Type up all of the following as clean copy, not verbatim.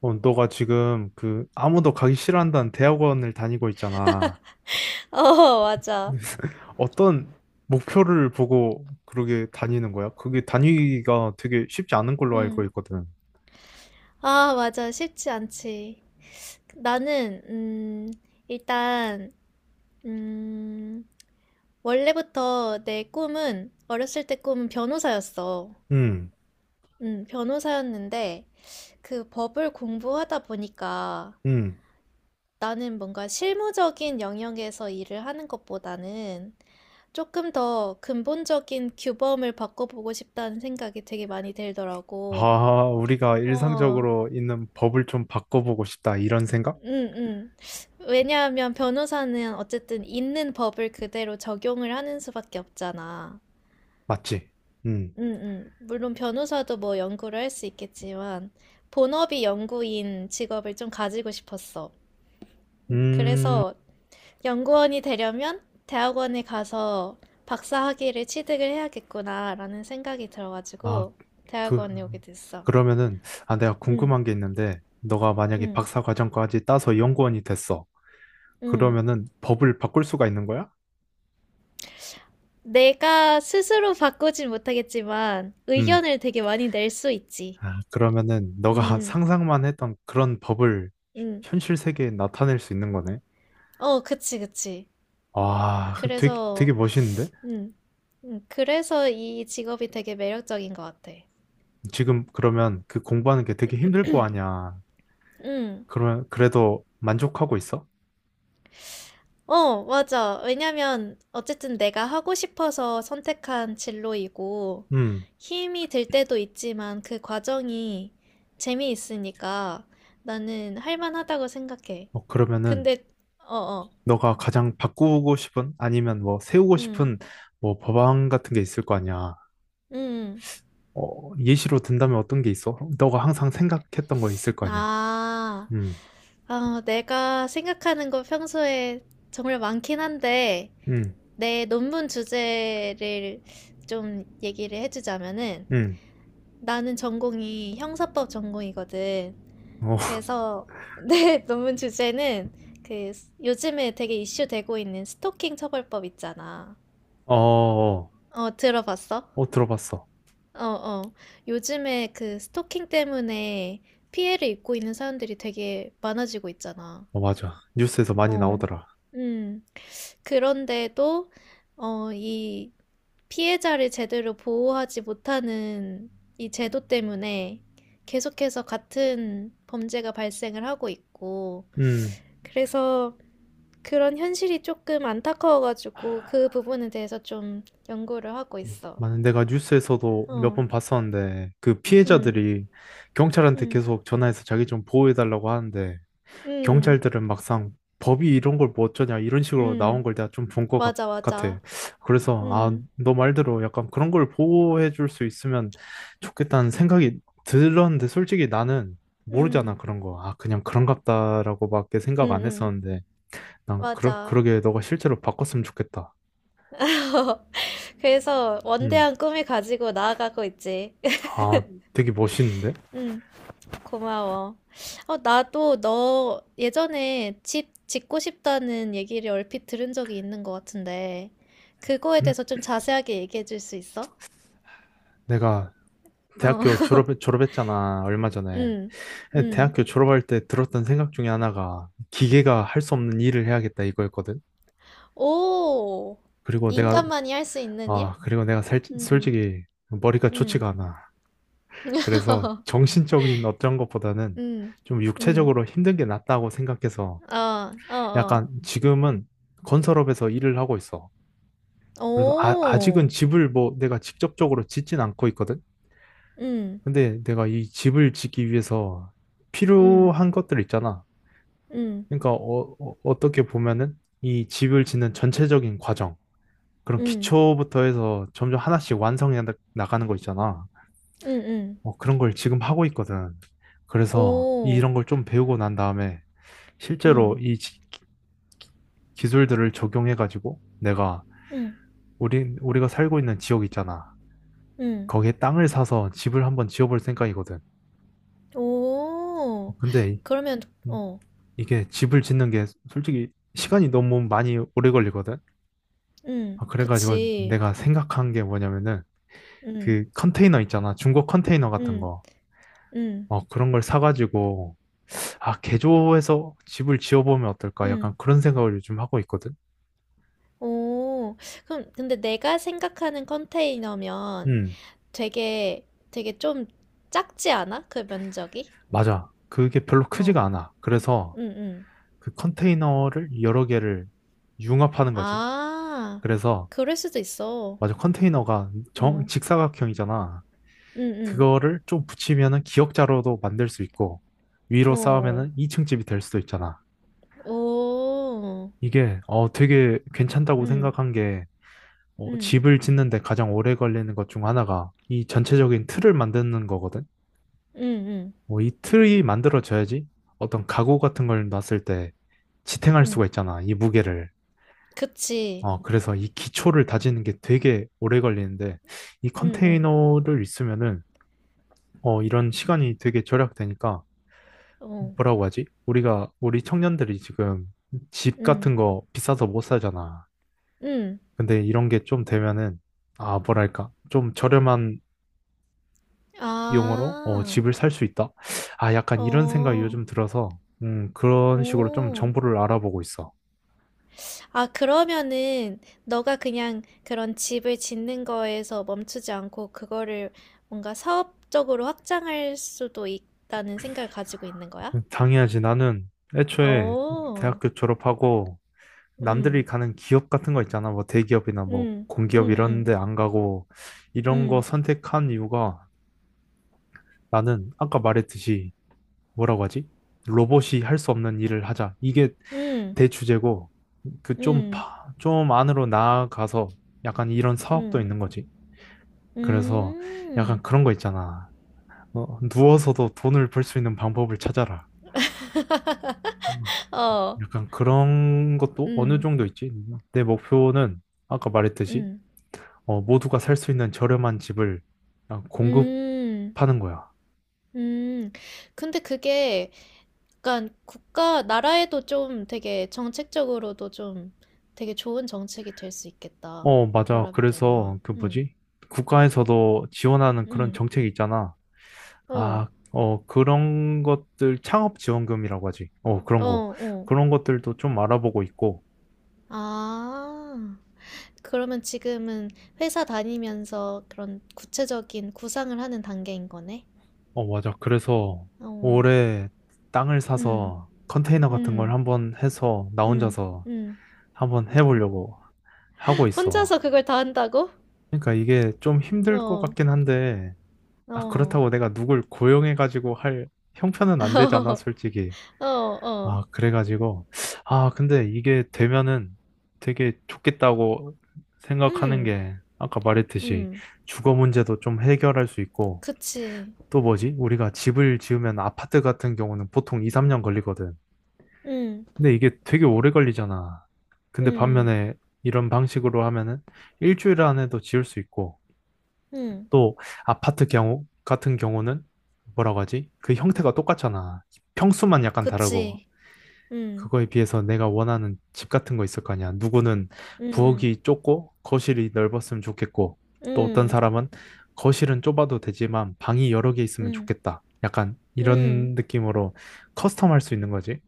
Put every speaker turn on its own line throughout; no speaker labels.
어, 너가 지금 그 아무도 가기 싫어한다는 대학원을 다니고 있잖아.
어, 맞아.
어떤 목표를 보고 그러게 다니는 거야? 그게 다니기가 되게 쉽지 않은 걸로 알고
음.
있거든.
아, 맞아. 쉽지 않지. 나는, 일단, 음, 원래부터 내 꿈은, 어렸을 때 꿈은 변호사였어.
음,
변호사였는데, 그 법을 공부하다 보니까
음.
나는 뭔가 실무적인 영역에서 일을 하는 것보다는 조금 더 근본적인 규범을 바꿔보고 싶다는 생각이 되게 많이 들더라고.
아, 우리가
어,
일상적으로 있는 법을 좀 바꿔보고 싶다. 이런 생각?
음, 왜냐하면 변호사는 어쨌든 있는 법을 그대로 적용을 하는 수밖에 없잖아.
맞지? 음,
물론 변호사도 뭐 연구를 할 수 있겠지만, 본업이 연구인 직업을 좀 가지고 싶었어.
음.
그래서 연구원이 되려면 대학원에 가서 박사 학위를 취득을 해야겠구나라는 생각이
아,
들어가지고
그,
대학원에 오게 됐어.
그러면은, 아, 내가
응,
궁금한 게 있는데, 너가 만약에
응,
박사 과정까지 따서 연구원이 됐어.
응.
그러면은 법을 바꿀 수가 있는 거야?
내가 스스로 바꾸진 못하겠지만
음.
의견을 되게 많이 낼 수 있지.
아, 그러면은 너가
음,
상상만 했던 그런 법을
음.
현실 세계에 나타낼 수 있는 거네.
어, 그치, 그치.
와, 그 되게 되게
그래서,
멋있는데?
음, 그래서 이 직업이 되게 매력적인 것 같아.
지금 그러면 그 공부하는 게 되게 힘들 거 아니야.
음.
그러면 그래도 만족하고 있어?
어, 맞아. 왜냐면 어쨌든 내가 하고 싶어서 선택한 진로이고
음.
힘이 들 때도 있지만 그 과정이 재미있으니까 나는 할 만하다고 생각해.
어, 그러면은
근데, 어, 어.
너가 가장 바꾸고 싶은 아니면 뭐 세우고
음,
싶은 뭐 법안 같은 게 있을 거 아니야.
음.
어, 예시로 든다면 어떤 게 있어? 너가 항상 생각했던 거 있을 거 아니야.
아,
음.
어, 내가 생각하는 거 평소에 정말 많긴 한데,
음.
내 논문 주제를 좀 얘기를 해주자면은,
음.
나는 전공이 형사법 전공이거든.
어.
그래서 내 논문 주제는 그 요즘에 되게 이슈되고 있는 스토킹 처벌법 있잖아.
어. 어,
어, 들어봤어?
어, 들어봤어.
어, 어. 요즘에 그 스토킹 때문에 피해를 입고 있는 사람들이 되게 많아지고 있잖아.
어, 맞아. 뉴스에서 많이
어,
나오더라.
음. 그런데도, 이 피해자를 제대로 보호하지 못하는 이 제도 때문에 계속해서 같은 범죄가 발생을 하고 있고,
음.
그래서 그런 현실이 조금 안타까워가지고 그 부분에 대해서 좀 연구를 하고 있어.
많은 내가 뉴스에서도 몇
어,
번 봤었는데 그
음,
피해자들이 경찰한테
음,
계속 전화해서 자기 좀 보호해달라고 하는데
음,
경찰들은 막상 법이 이런 걸 뭐 어쩌냐 이런 식으로 나온
음.
걸 내가 좀 본 것
맞아,
같아.
맞아.
그래서 아,
음,
너 말대로 약간 그런 걸 보호해 줄 수 있으면 좋겠다는 생각이 들었는데 솔직히 나는
음,
모르잖아 그런 거. 아, 그냥 그런갑다라고밖에
음,
생각 안
음.
했었는데 난 그러,
맞아.
그러게 너가 실제로 바꿨으면 좋겠다.
그래서 원대한 꿈을 가지고 나아가고 있지.
아, 되게 멋있는데?
응, 고마워. 어, 나도 너 예전에 집 짓고 싶다는 얘기를 얼핏 들은 적이 있는 것 같은데, 그거에
응?
대해서 좀 자세하게 얘기해 줄 수 있어?
내가
어,
대학교 졸업, 졸업했잖아, 얼마 전에.
응, 응.
대학교 졸업할 때 들었던 생각 중에 하나가 기계가 할 수 없는 일을 해야겠다 이거였거든.
오,
그리고 내가,
인간만이 할 수 있는 일?
아, 그리고 내가 살,
응,
솔직히 머리가
응,
좋지가 않아. 그래서 정신적인 어떤 것보다는
응,
좀
응.
육체적으로 힘든 게 낫다고 생각해서
어, 어, 어.
약간 지금은 건설업에서 일을 하고 있어. 그래서 아, 아직은
오,
집을 뭐 내가 직접적으로 짓진 않고 있거든.
응,
근데 내가 이 집을 짓기 위해서
응,
필요한 것들 있잖아.
응,
그러니까 어, 떻게 보면은 이 집을 짓는 전체적인 과정, 그런
응,
기초부터 해서 점점 하나씩 완성해 나가는 거 있잖아.
응, 응.
어, 그런 걸 지금 하고 있거든. 그래서
오.
이런 걸 좀 배우고 난 다음에 실제로
응,
이 기술들을 적용해가지고 내가
응,
우리가 살고 있는 지역 있잖아.
응,
거기에 땅을 사서 집을 한번 지어볼 생각이거든.
오.
근데
그러면 어.
이게 집을 짓는 게 솔직히 시간이 너무 많이 오래 걸리거든.
응,
아, 그래가지고
그치.
내가 생각한 게 뭐냐면은 그
응,
컨테이너 있잖아. 중고 컨테이너 같은
응,
거.
응,
어, 그런 걸 사가지고 아, 개조해서 집을 지어보면 어떨까?
응,
약간 그런 생각을 요즘 하고 있거든.
오. 그럼 근데 내가 생각하는 컨테이너면
음,
되게 좀 작지 않아? 그 면적이?
맞아. 그게 별로
어.
크지가 않아. 그래서
응, 응.
그 컨테이너를 여러 개를 융합하는 거지.
아.
그래서
그럴 수도 있어.
맞아. 컨테이너가
어.
직사각형이잖아.
응, 응,
그거를 좀 붙이면은 기억자료도 만들 수 있고 위로
오.
쌓으면은 2층 집이 될 수도 있잖아.
오. 오.
이게 되게 괜찮다고
응,
생각한 게 어,
응,
집을 짓는데 가장 오래 걸리는 것 중 하나가 이 전체적인 틀을 만드는 거거든.
응, 응,
어, 이 틀이 만들어져야지 어떤 가구 같은 걸 놨을 때 지탱할
응.
수가 있잖아. 이 무게를.
그치.
어, 그래서 이 기초를 다지는 게 되게 오래 걸리는데 이
응응.
컨테이너를 있으면은 어, 이런 시간이 되게 절약되니까
어.
뭐라고 하지? 우리 청년들이 지금 집
응.
같은 거 비싸서 못 사잖아.
응.
근데 이런 게 좀 되면은, 아, 뭐랄까. 좀 저렴한 비용으로 어,
아.
집을 살 수 있다? 아, 약간 이런 생각이
어.
요즘 들어서, 그런 식으로 좀
오.
정보를 알아보고 있어.
아, 그러면은 너가 그냥 그런 집을 짓는 거에서 멈추지 않고 그거를 뭔가 사업적으로 확장할 수도 있다는 생각을 가지고 있는 거야?
당연하지. 나는 애초에
오.
대학교 졸업하고 남들이
음.
가는 기업 같은 거 있잖아. 뭐 대기업이나 뭐
음.
공기업 이런
음.
데 안 가고 이런 거
음.
선택한 이유가 나는 아까 말했듯이 뭐라고 하지? 로봇이 할 수 없는 일을 하자. 이게
음.
대주제고, 그
음.
좀,
음.
좀 안으로 나아가서 약간 이런 사업도 있는 거지. 그래서
음.
약간
음.
그런 거 있잖아. 어, 누워서도 돈을 벌 수 있는 방법을 찾아라. 음,
어.
약간 그런 것도 어느
음.
정도 있지. 내 목표는 아까 말했듯이,
음.
어, 모두가 살 수 있는 저렴한 집을 어,
음.
공급하는 거야.
음. 근데 그게 약간 국가, 나라에도 좀 되게 정책적으로도 좀 되게 좋은 정책이 될 수 있겠다.
어, 맞아.
결합이
그래서
되면.
그
음.
뭐지? 국가에서도 지원하는 그런
음.
정책이 있잖아.
어.
그런 것들, 창업 지원금이라고 하지. 어,
어,
그런 거.
어.
그런 것들도 좀 알아보고 있고.
아. 그러면 지금은 회사 다니면서 그런 구체적인 구상을 하는 단계인 거네?
어, 맞아. 그래서
어.
올해 땅을
음.
사서 컨테이너 같은 걸
음.
한번 해서 나
음.
혼자서
음.
한번 해보려고 하고 있어.
혼자서 그걸 다 한다고?
그러니까 이게 좀 힘들 것
어.
같긴 한데, 아,
어.
그렇다고 내가 누굴 고용해가지고 할 형편은 안 되잖아,
어.
솔직히.
어.
아, 그래가지고, 아, 근데 이게 되면은 되게 좋겠다고 생각하는
음.
게, 아까 말했듯이
음.
주거 문제도 좀 해결할 수 있고,
그치.
또 뭐지? 우리가 집을 지으면 아파트 같은 경우는 보통 2, 3년 걸리거든.
응,
근데 이게 되게 오래 걸리잖아. 근데
응,
반면에 이런 방식으로 하면은 일주일 안에도 지을 수 있고,
응,
또 같은 경우는 뭐라고 하지? 그 형태가 똑같잖아. 평수만 약간 다르고,
그치. 응,
그거에 비해서 내가 원하는 집 같은 거 있을 거 아니야. 누구는
응,
부엌이 좁고 거실이 넓었으면 좋겠고,
응,
또 어떤
응,
사람은 거실은 좁아도 되지만 방이 여러 개 있으면
응,
좋겠다. 약간
응,
이런 느낌으로 커스텀할 수 있는 거지.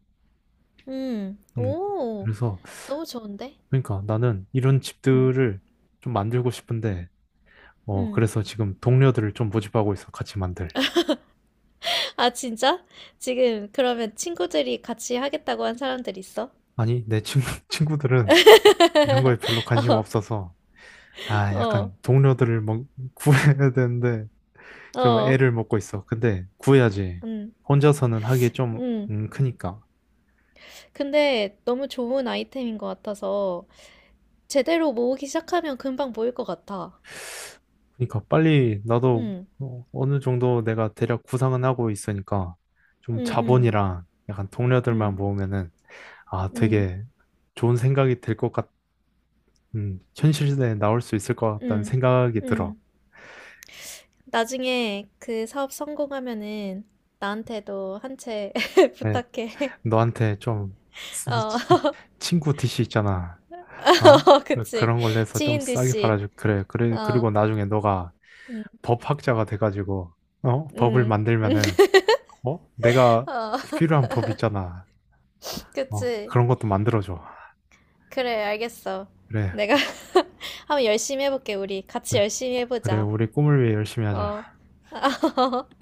응.
음,
오,
그래서
너무 좋은데?
그러니까 나는 이런
응,
집들을 좀 만들고 싶은데, 어,
응.
그래서 지금 동료들을 좀 모집하고 있어. 같이 만들.
아, 진짜? 지금 그러면 친구들이 같이 하겠다고 한 사람들 있어?
아니, 내 친구, 친구들은 이런 거에 별로 관심
어,
없어서, 아,
어,
약간 동료들을 뭐 구해야 되는데, 좀
어,
애를 먹고 있어. 근데 구해야지.
응,
혼자서는 하기 좀
응.
크니까.
근데 너무 좋은 아이템인 것 같아서 제대로 모으기 시작하면 금방 모일 것 같아.
그러니까 빨리 나도
응,
어, 어느 정도 내가 대략 구상은 하고 있으니까
응,
좀
응,
자본이랑 약간 동료들만
응,
모으면은 아
응.
되게 좋은 생각이 들 것 현실에 나올 수 있을 것 같다는
응,
생각이 들어.
응. 나중에 그 사업 성공하면은 나한테도 한 채
네,
부탁해.
너한테 좀 스-
어,
스- 친구 디시 있잖아. 아
그치.
그런 걸로 해서 좀
지인 d
싸게
씨.
팔아줘. 그래. 그래.
어,
그리고 나중에 너가
응,
법학자가 돼가지고 어? 법을
응.
만들면은 어? 내가
어,
필요한 법 있잖아. 어?
그치.
그런 것도 만들어줘.
그래, 알겠어.
그래.
내가 한번 열심히 해볼게, 우리. 같이 열심히
그래,
해보자.
우리 꿈을 위해 열심히
어.
하자.